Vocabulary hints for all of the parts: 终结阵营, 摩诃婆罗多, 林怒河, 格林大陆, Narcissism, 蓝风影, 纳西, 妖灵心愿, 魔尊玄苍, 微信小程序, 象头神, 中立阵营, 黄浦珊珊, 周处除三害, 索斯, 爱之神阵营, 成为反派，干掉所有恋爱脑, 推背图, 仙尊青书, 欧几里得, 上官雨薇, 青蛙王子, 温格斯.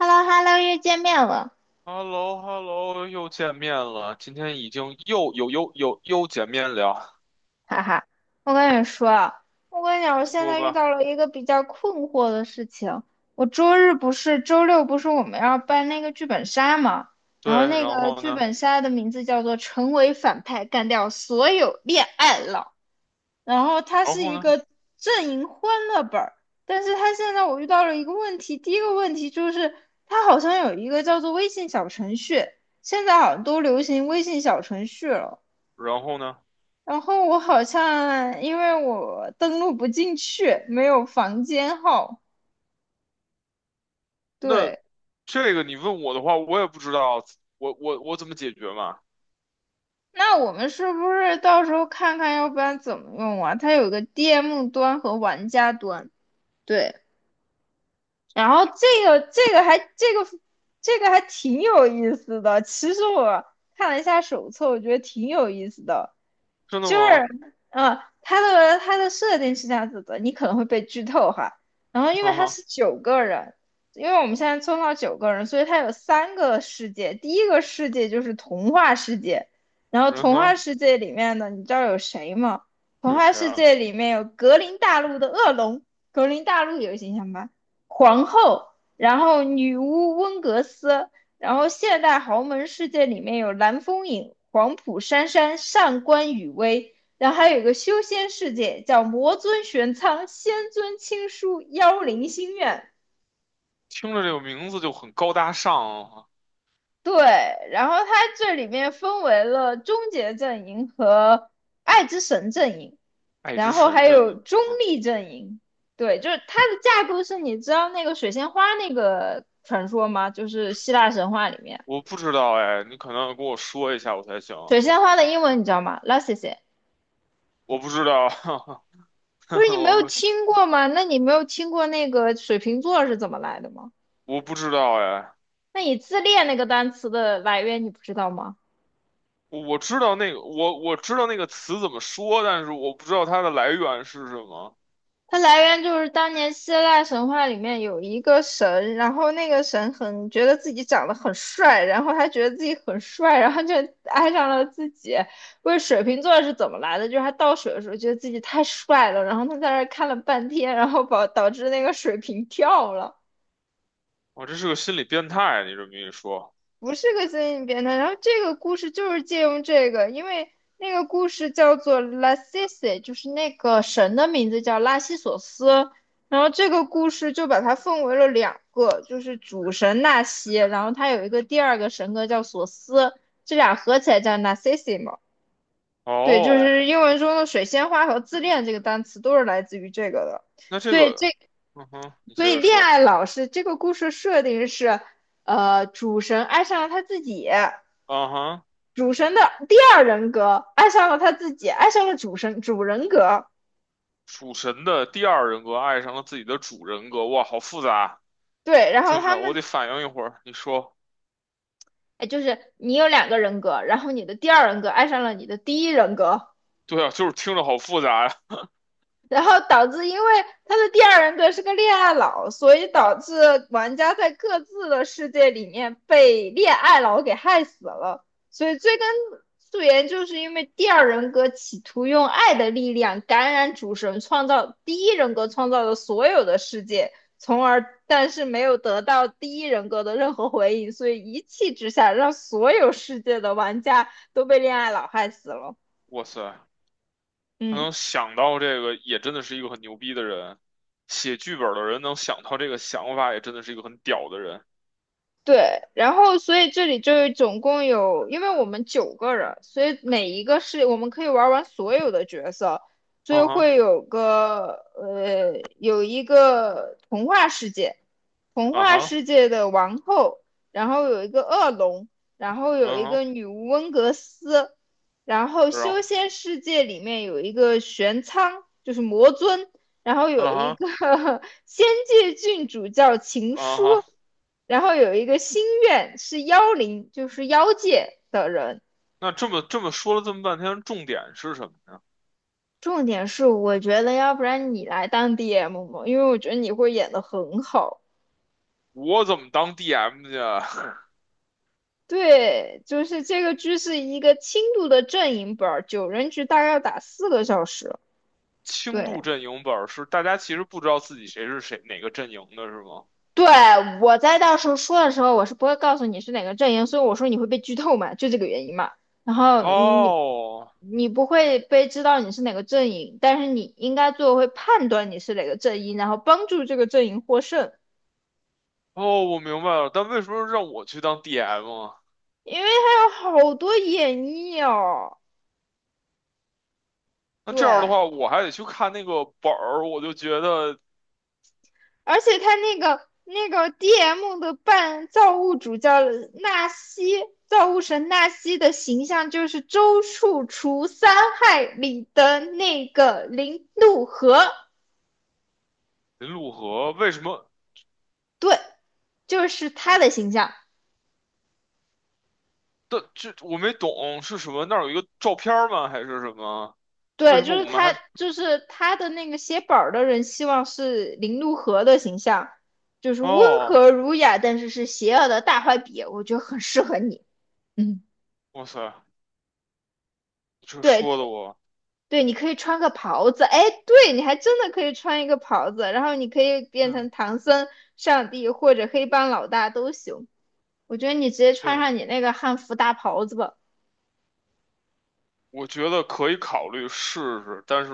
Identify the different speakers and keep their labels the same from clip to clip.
Speaker 1: h e l l o h e l l o 又见面了，
Speaker 2: h e l l o h e l l o 又见面了。今天已经又见面了，
Speaker 1: 哈哈。我跟你说啊，我跟你讲，我现
Speaker 2: 说
Speaker 1: 在遇
Speaker 2: 吧。
Speaker 1: 到了一个比较困惑的事情。我周日不是，周六不是我们要办那个剧本杀嘛？然后
Speaker 2: 对，
Speaker 1: 那
Speaker 2: 然
Speaker 1: 个
Speaker 2: 后
Speaker 1: 剧
Speaker 2: 呢？
Speaker 1: 本杀的名字叫做"成为反派，干掉所有恋爱脑"。然后它
Speaker 2: 然
Speaker 1: 是
Speaker 2: 后
Speaker 1: 一
Speaker 2: 呢？
Speaker 1: 个阵营欢乐本儿，但是它现在我遇到了一个问题。第一个问题就是，它好像有一个叫做微信小程序，现在好像都流行微信小程序了。
Speaker 2: 然后呢？
Speaker 1: 然后我好像因为我登录不进去，没有房间号。
Speaker 2: 那
Speaker 1: 对，
Speaker 2: 这个你问我的话，我也不知道，我怎么解决嘛？
Speaker 1: 那我们是不是到时候看看，要不然怎么用啊？它有个 DM 端和玩家端。对，然后这个这个还这个这个还挺有意思的。其实我看了一下手册，我觉得挺有意思的。
Speaker 2: 真的
Speaker 1: 就是
Speaker 2: 吗？
Speaker 1: 它的设定是这样子的，你可能会被剧透哈。然后因为
Speaker 2: 嗯
Speaker 1: 它
Speaker 2: 哼，
Speaker 1: 是九个人，因为我们现在抽到九个人，所以它有三个世界。第一个世界就是童话世界，然后
Speaker 2: 嗯
Speaker 1: 童话
Speaker 2: 哼，
Speaker 1: 世界里面的你知道有谁吗？童
Speaker 2: 有
Speaker 1: 话
Speaker 2: 谁
Speaker 1: 世
Speaker 2: 啊？
Speaker 1: 界里面有格林大陆的恶龙，格林大陆有形象吧？皇后，然后女巫温格斯，然后现代豪门世界里面有蓝风影、黄浦珊珊、上官雨薇，然后还有一个修仙世界叫魔尊玄苍、仙尊青书、妖灵心愿。
Speaker 2: 听着这个名字就很高大上啊，
Speaker 1: 对，然后它这里面分为了终结阵营和爱之神阵营，
Speaker 2: 爱
Speaker 1: 然
Speaker 2: 之
Speaker 1: 后
Speaker 2: 神
Speaker 1: 还
Speaker 2: 这，
Speaker 1: 有
Speaker 2: 嗯，
Speaker 1: 中立阵营。对，就是它的架构是，你知道那个水仙花那个传说吗？就是希腊神话里面
Speaker 2: 我不知道哎，你可能要跟我说一下我才行。
Speaker 1: 水仙花的英文你知道吗 l a s s i e
Speaker 2: 我不知道，
Speaker 1: 不是 你没
Speaker 2: 我
Speaker 1: 有
Speaker 2: 不
Speaker 1: 听过吗？那你没有听过那个水瓶座是怎么来的吗？
Speaker 2: 我不知道哎。
Speaker 1: 那你自恋那个单词的来源你不知道吗？
Speaker 2: 我知道那个，我知道那个词怎么说，但是我不知道它的来源是什么。
Speaker 1: 它来源就是当年希腊神话里面有一个神，然后那个神很觉得自己长得很帅，然后他觉得自己很帅，然后就爱上了自己。问水瓶座是怎么来的？就是他倒水的时候觉得自己太帅了，然后他在那儿看了半天，然后导致那个水瓶跳了。
Speaker 2: 我这是个心理变态，你这么一说。
Speaker 1: 不是个心理变态。然后这个故事就是借用这个，因为那个故事叫做拉西西，就是那个神的名字叫拉西索斯。然后这个故事就把它分为了两个，就是主神纳西，然后他有一个第二个神格叫索斯，这俩合起来叫 Narcissism。对，就
Speaker 2: 哦，
Speaker 1: 是英文中的水仙花和自恋这个单词都是来自于这个的。
Speaker 2: 那这
Speaker 1: 对，
Speaker 2: 个，嗯哼，你接
Speaker 1: 所以
Speaker 2: 着
Speaker 1: 恋
Speaker 2: 说。
Speaker 1: 爱老师这个故事设定是，主神爱上了他自己，
Speaker 2: 嗯哼，
Speaker 1: 主神的第二人格爱上了他自己，爱上了主神主人格。
Speaker 2: 主神的第二人格爱上了自己的主人格，哇，好复杂。
Speaker 1: 对，然后
Speaker 2: 听
Speaker 1: 他
Speaker 2: 着，我
Speaker 1: 们
Speaker 2: 得反应一会儿。你说，
Speaker 1: 哎，就是你有两个人格，然后你的第二人格爱上了你的第一人格。
Speaker 2: 对啊，就是听着好复杂呀。
Speaker 1: 然后导致因为他的第二人格是个恋爱脑，所以导致玩家在各自的世界里面被恋爱脑给害死了。所以追根溯源，就是因为第二人格企图用爱的力量感染主神，创造第一人格创造的所有的世界，但是没有得到第一人格的任何回应，所以一气之下让所有世界的玩家都被恋爱脑害死了。
Speaker 2: 哇塞，他
Speaker 1: 嗯。
Speaker 2: 能想到这个，也真的是一个很牛逼的人。写剧本的人能想到这个想法，也真的是一个很屌的人。
Speaker 1: 对，然后所以这里就是总共有，因为我们九个人，所以每一个是我们可以玩完所有的角色，所以
Speaker 2: 嗯哼，
Speaker 1: 会有个呃有一个童话世界，童
Speaker 2: 嗯
Speaker 1: 话
Speaker 2: 哼，
Speaker 1: 世界的王后，然后有一个恶龙，然后有
Speaker 2: 嗯
Speaker 1: 一
Speaker 2: 哼。
Speaker 1: 个女巫温格斯，然后
Speaker 2: 然
Speaker 1: 修
Speaker 2: 后，
Speaker 1: 仙世界里面有一个玄苍，就是魔尊，然后
Speaker 2: 啊
Speaker 1: 有一
Speaker 2: 哈，
Speaker 1: 个 仙界郡主叫情
Speaker 2: 啊
Speaker 1: 书。
Speaker 2: 哈，
Speaker 1: 然后有一个心愿是妖灵，就是妖界的人。
Speaker 2: 那这么说了这么半天，重点是什么呢？
Speaker 1: 重点是，我觉得要不然你来当 DM 嘛，因为我觉得你会演得很好。
Speaker 2: 我怎么当 DM 去啊
Speaker 1: 对，就是这个剧是一个轻度的阵营本九人局大概要打4个小时。
Speaker 2: 轻
Speaker 1: 对，
Speaker 2: 度阵营本儿是大家其实不知道自己谁是谁哪个阵营的是吗？
Speaker 1: 对，我在到时候说的时候，我是不会告诉你是哪个阵营，所以我说你会被剧透嘛，就这个原因嘛。然后你
Speaker 2: 哦
Speaker 1: 你不会被知道你是哪个阵营，但是你应该做会判断你是哪个阵营，然后帮助这个阵营获胜，
Speaker 2: 哦，我明白了，但为什么让我去当 DM 啊？
Speaker 1: 因为还有好多演绎哦。
Speaker 2: 那这
Speaker 1: 对，
Speaker 2: 样的话，我还得去看那个本儿，我就觉得
Speaker 1: 而且他那个 DM 的半造物主叫纳西，造物神纳西的形象就是周处除三害里的那个林怒河，
Speaker 2: 林陆河为什么？
Speaker 1: 对，就是他的形象。
Speaker 2: 但这我没懂是什么？那儿有一个照片儿吗？还是什么？为
Speaker 1: 对，
Speaker 2: 什么我们还？
Speaker 1: 就是他的那个写本的人，希望是林怒河的形象，就是温
Speaker 2: 哦，
Speaker 1: 和儒雅，但是是邪恶的大坏笔，我觉得很适合你。嗯，
Speaker 2: 哇塞，这
Speaker 1: 对，
Speaker 2: 说的我。
Speaker 1: 对，你可以穿个袍子，哎，对，你还真的可以穿一个袍子，然后你可以变
Speaker 2: 嗯。
Speaker 1: 成唐僧、上帝或者黑帮老大都行。我觉得你直接穿
Speaker 2: 对，
Speaker 1: 上你那个汉服大袍子吧，
Speaker 2: 我觉得可以考虑试试，但是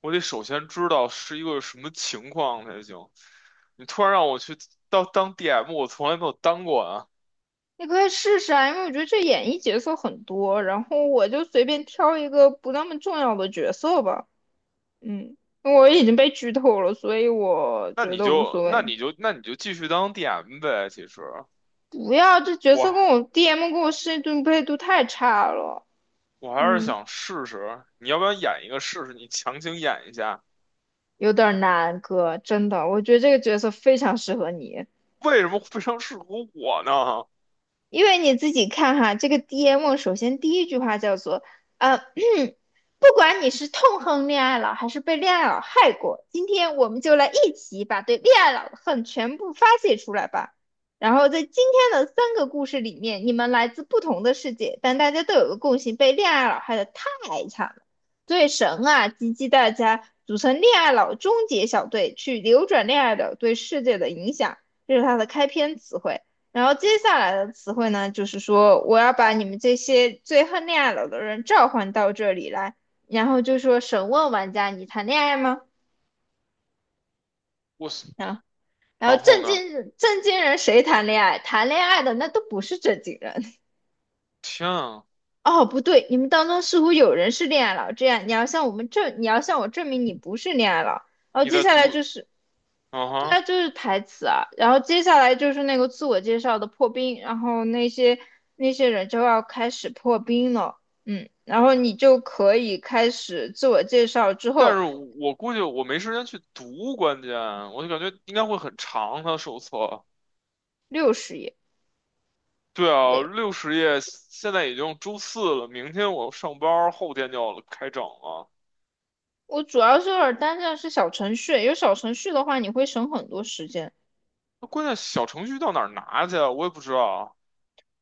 Speaker 2: 我得首先知道是一个什么情况才行。你突然让我去当 DM,我从来没有当过啊。
Speaker 1: 你可以试试啊，因为我觉得这演绎角色很多，然后我就随便挑一个不那么重要的角色吧。嗯，我已经被剧透了，所以我
Speaker 2: 那
Speaker 1: 觉
Speaker 2: 你
Speaker 1: 得无
Speaker 2: 就
Speaker 1: 所
Speaker 2: 那
Speaker 1: 谓。
Speaker 2: 你就那你就继续当 DM 呗。其实
Speaker 1: 不要，这角色跟
Speaker 2: 我
Speaker 1: 我 DM 跟我设定配度太差了。
Speaker 2: 我还是
Speaker 1: 嗯。
Speaker 2: 想试试，你要不要演一个试试？你强行演一下，
Speaker 1: 有点儿难哥，真的，我觉得这个角色非常适合你。
Speaker 2: 为什么非常适合我呢？
Speaker 1: 因为你自己看哈，这个 DM 首先第一句话叫做，呃，不管你是痛恨恋爱脑还是被恋爱脑害过，今天我们就来一起把对恋爱脑的恨全部发泄出来吧。然后在今天的三个故事里面，你们来自不同的世界，但大家都有个共性，被恋爱脑害得太惨了。所以神啊，集大家组成恋爱脑终结小队，去扭转恋爱脑对世界的影响，这是他的开篇词汇。然后接下来的词汇呢，就是说我要把你们这些最恨恋爱脑的人召唤到这里来，然后就说审问玩家，你谈恋爱吗？
Speaker 2: 我是
Speaker 1: 啊，然后
Speaker 2: 然后呢？
Speaker 1: 正经人谁谈恋爱？谈恋爱的那都不是正经人。
Speaker 2: 天啊，
Speaker 1: 哦，不对，你们当中似乎有人是恋爱脑，这样你要向我们证，你要向我证明你不是恋爱脑。然后
Speaker 2: 你
Speaker 1: 接
Speaker 2: 在
Speaker 1: 下来
Speaker 2: 读？
Speaker 1: 就是，对
Speaker 2: 嗯
Speaker 1: 啊，就是台词啊。然后接下来就是那个自我介绍的破冰，然后那些人就要开始破冰了，嗯，然后你就可以开始自我介绍之
Speaker 2: 但
Speaker 1: 后
Speaker 2: 是我估计我没时间去读，关键我就感觉应该会很长，它手册。
Speaker 1: 60页。
Speaker 2: 对啊，
Speaker 1: 对，
Speaker 2: 60页，现在已经周四了，明天我上班儿后天就要开整了。
Speaker 1: 我主要是有点担心的是小程序，有小程序的话，你会省很多时间。
Speaker 2: 那关键小程序到哪儿拿去啊？我也不知道。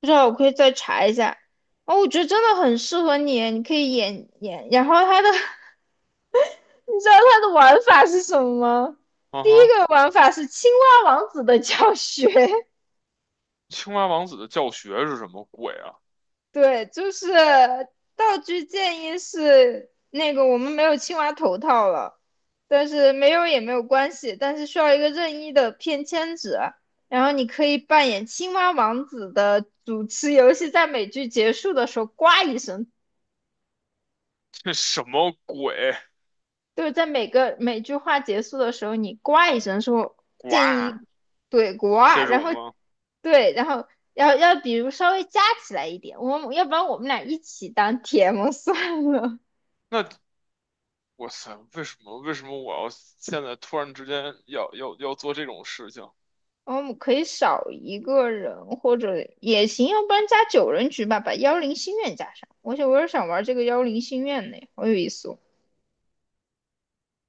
Speaker 1: 不知道，我可以再查一下。哦，我觉得真的很适合你，你可以演演。然后他的，你知道他的玩法是什么吗？
Speaker 2: 嗯
Speaker 1: 第一
Speaker 2: 哼，
Speaker 1: 个玩法是青蛙王子的教学，
Speaker 2: 青蛙王子的教学是什么鬼啊？
Speaker 1: 对，就是道具建议是那个我们没有青蛙头套了，但是没有也没有关系，但是需要一个任意的便签纸，然后你可以扮演青蛙王子的主持游戏，在美剧结束的时候，呱一声
Speaker 2: 这什么鬼？
Speaker 1: 就是在每个每句话结束的时候，你呱一声说建
Speaker 2: 哇，
Speaker 1: 议，对呱，
Speaker 2: 这
Speaker 1: 然
Speaker 2: 种
Speaker 1: 后
Speaker 2: 吗？
Speaker 1: 对，然后要比如稍微加起来一点，我们要不然我们俩一起当 TM 算了，
Speaker 2: 那哇塞，为什么我要现在突然之间要做这种事情？
Speaker 1: 我们可以少一个人或者也行，要不然加九人局吧，把幺零心愿加上。我也想玩这个幺零心愿呢，好有意思哦。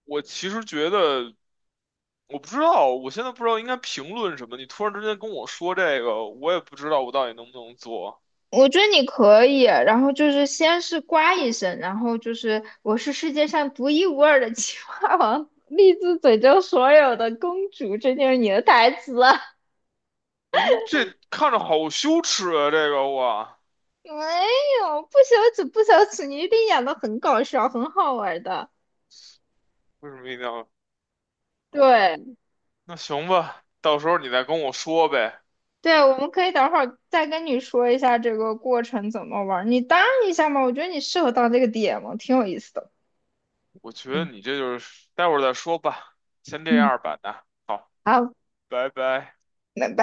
Speaker 2: 我其实觉得。我不知道，我现在不知道应该评论什么。你突然之间跟我说这个，我也不知道我到底能不能做。
Speaker 1: 我觉得你可以，然后就是先是呱一声，然后就是我是世界上独一无二的青蛙王，立志拯救所有的公主，这就是你的台词了。
Speaker 2: 我们这看着好羞耻啊，这个哇，
Speaker 1: 没有，不羞耻，不羞耻，你一定演的很搞笑，很好玩的。
Speaker 2: 为什么一定要？
Speaker 1: 对
Speaker 2: 那行吧，到时候你再跟我说呗。
Speaker 1: 对，我们可以等会儿再跟你说一下这个过程怎么玩儿，你当一下嘛，我觉得你适合当这个 DM，挺有意思的。
Speaker 2: 我觉得
Speaker 1: 嗯
Speaker 2: 你这就是待会儿再说吧，先这
Speaker 1: 嗯，
Speaker 2: 样吧，那好，
Speaker 1: 好。
Speaker 2: 拜拜。
Speaker 1: 那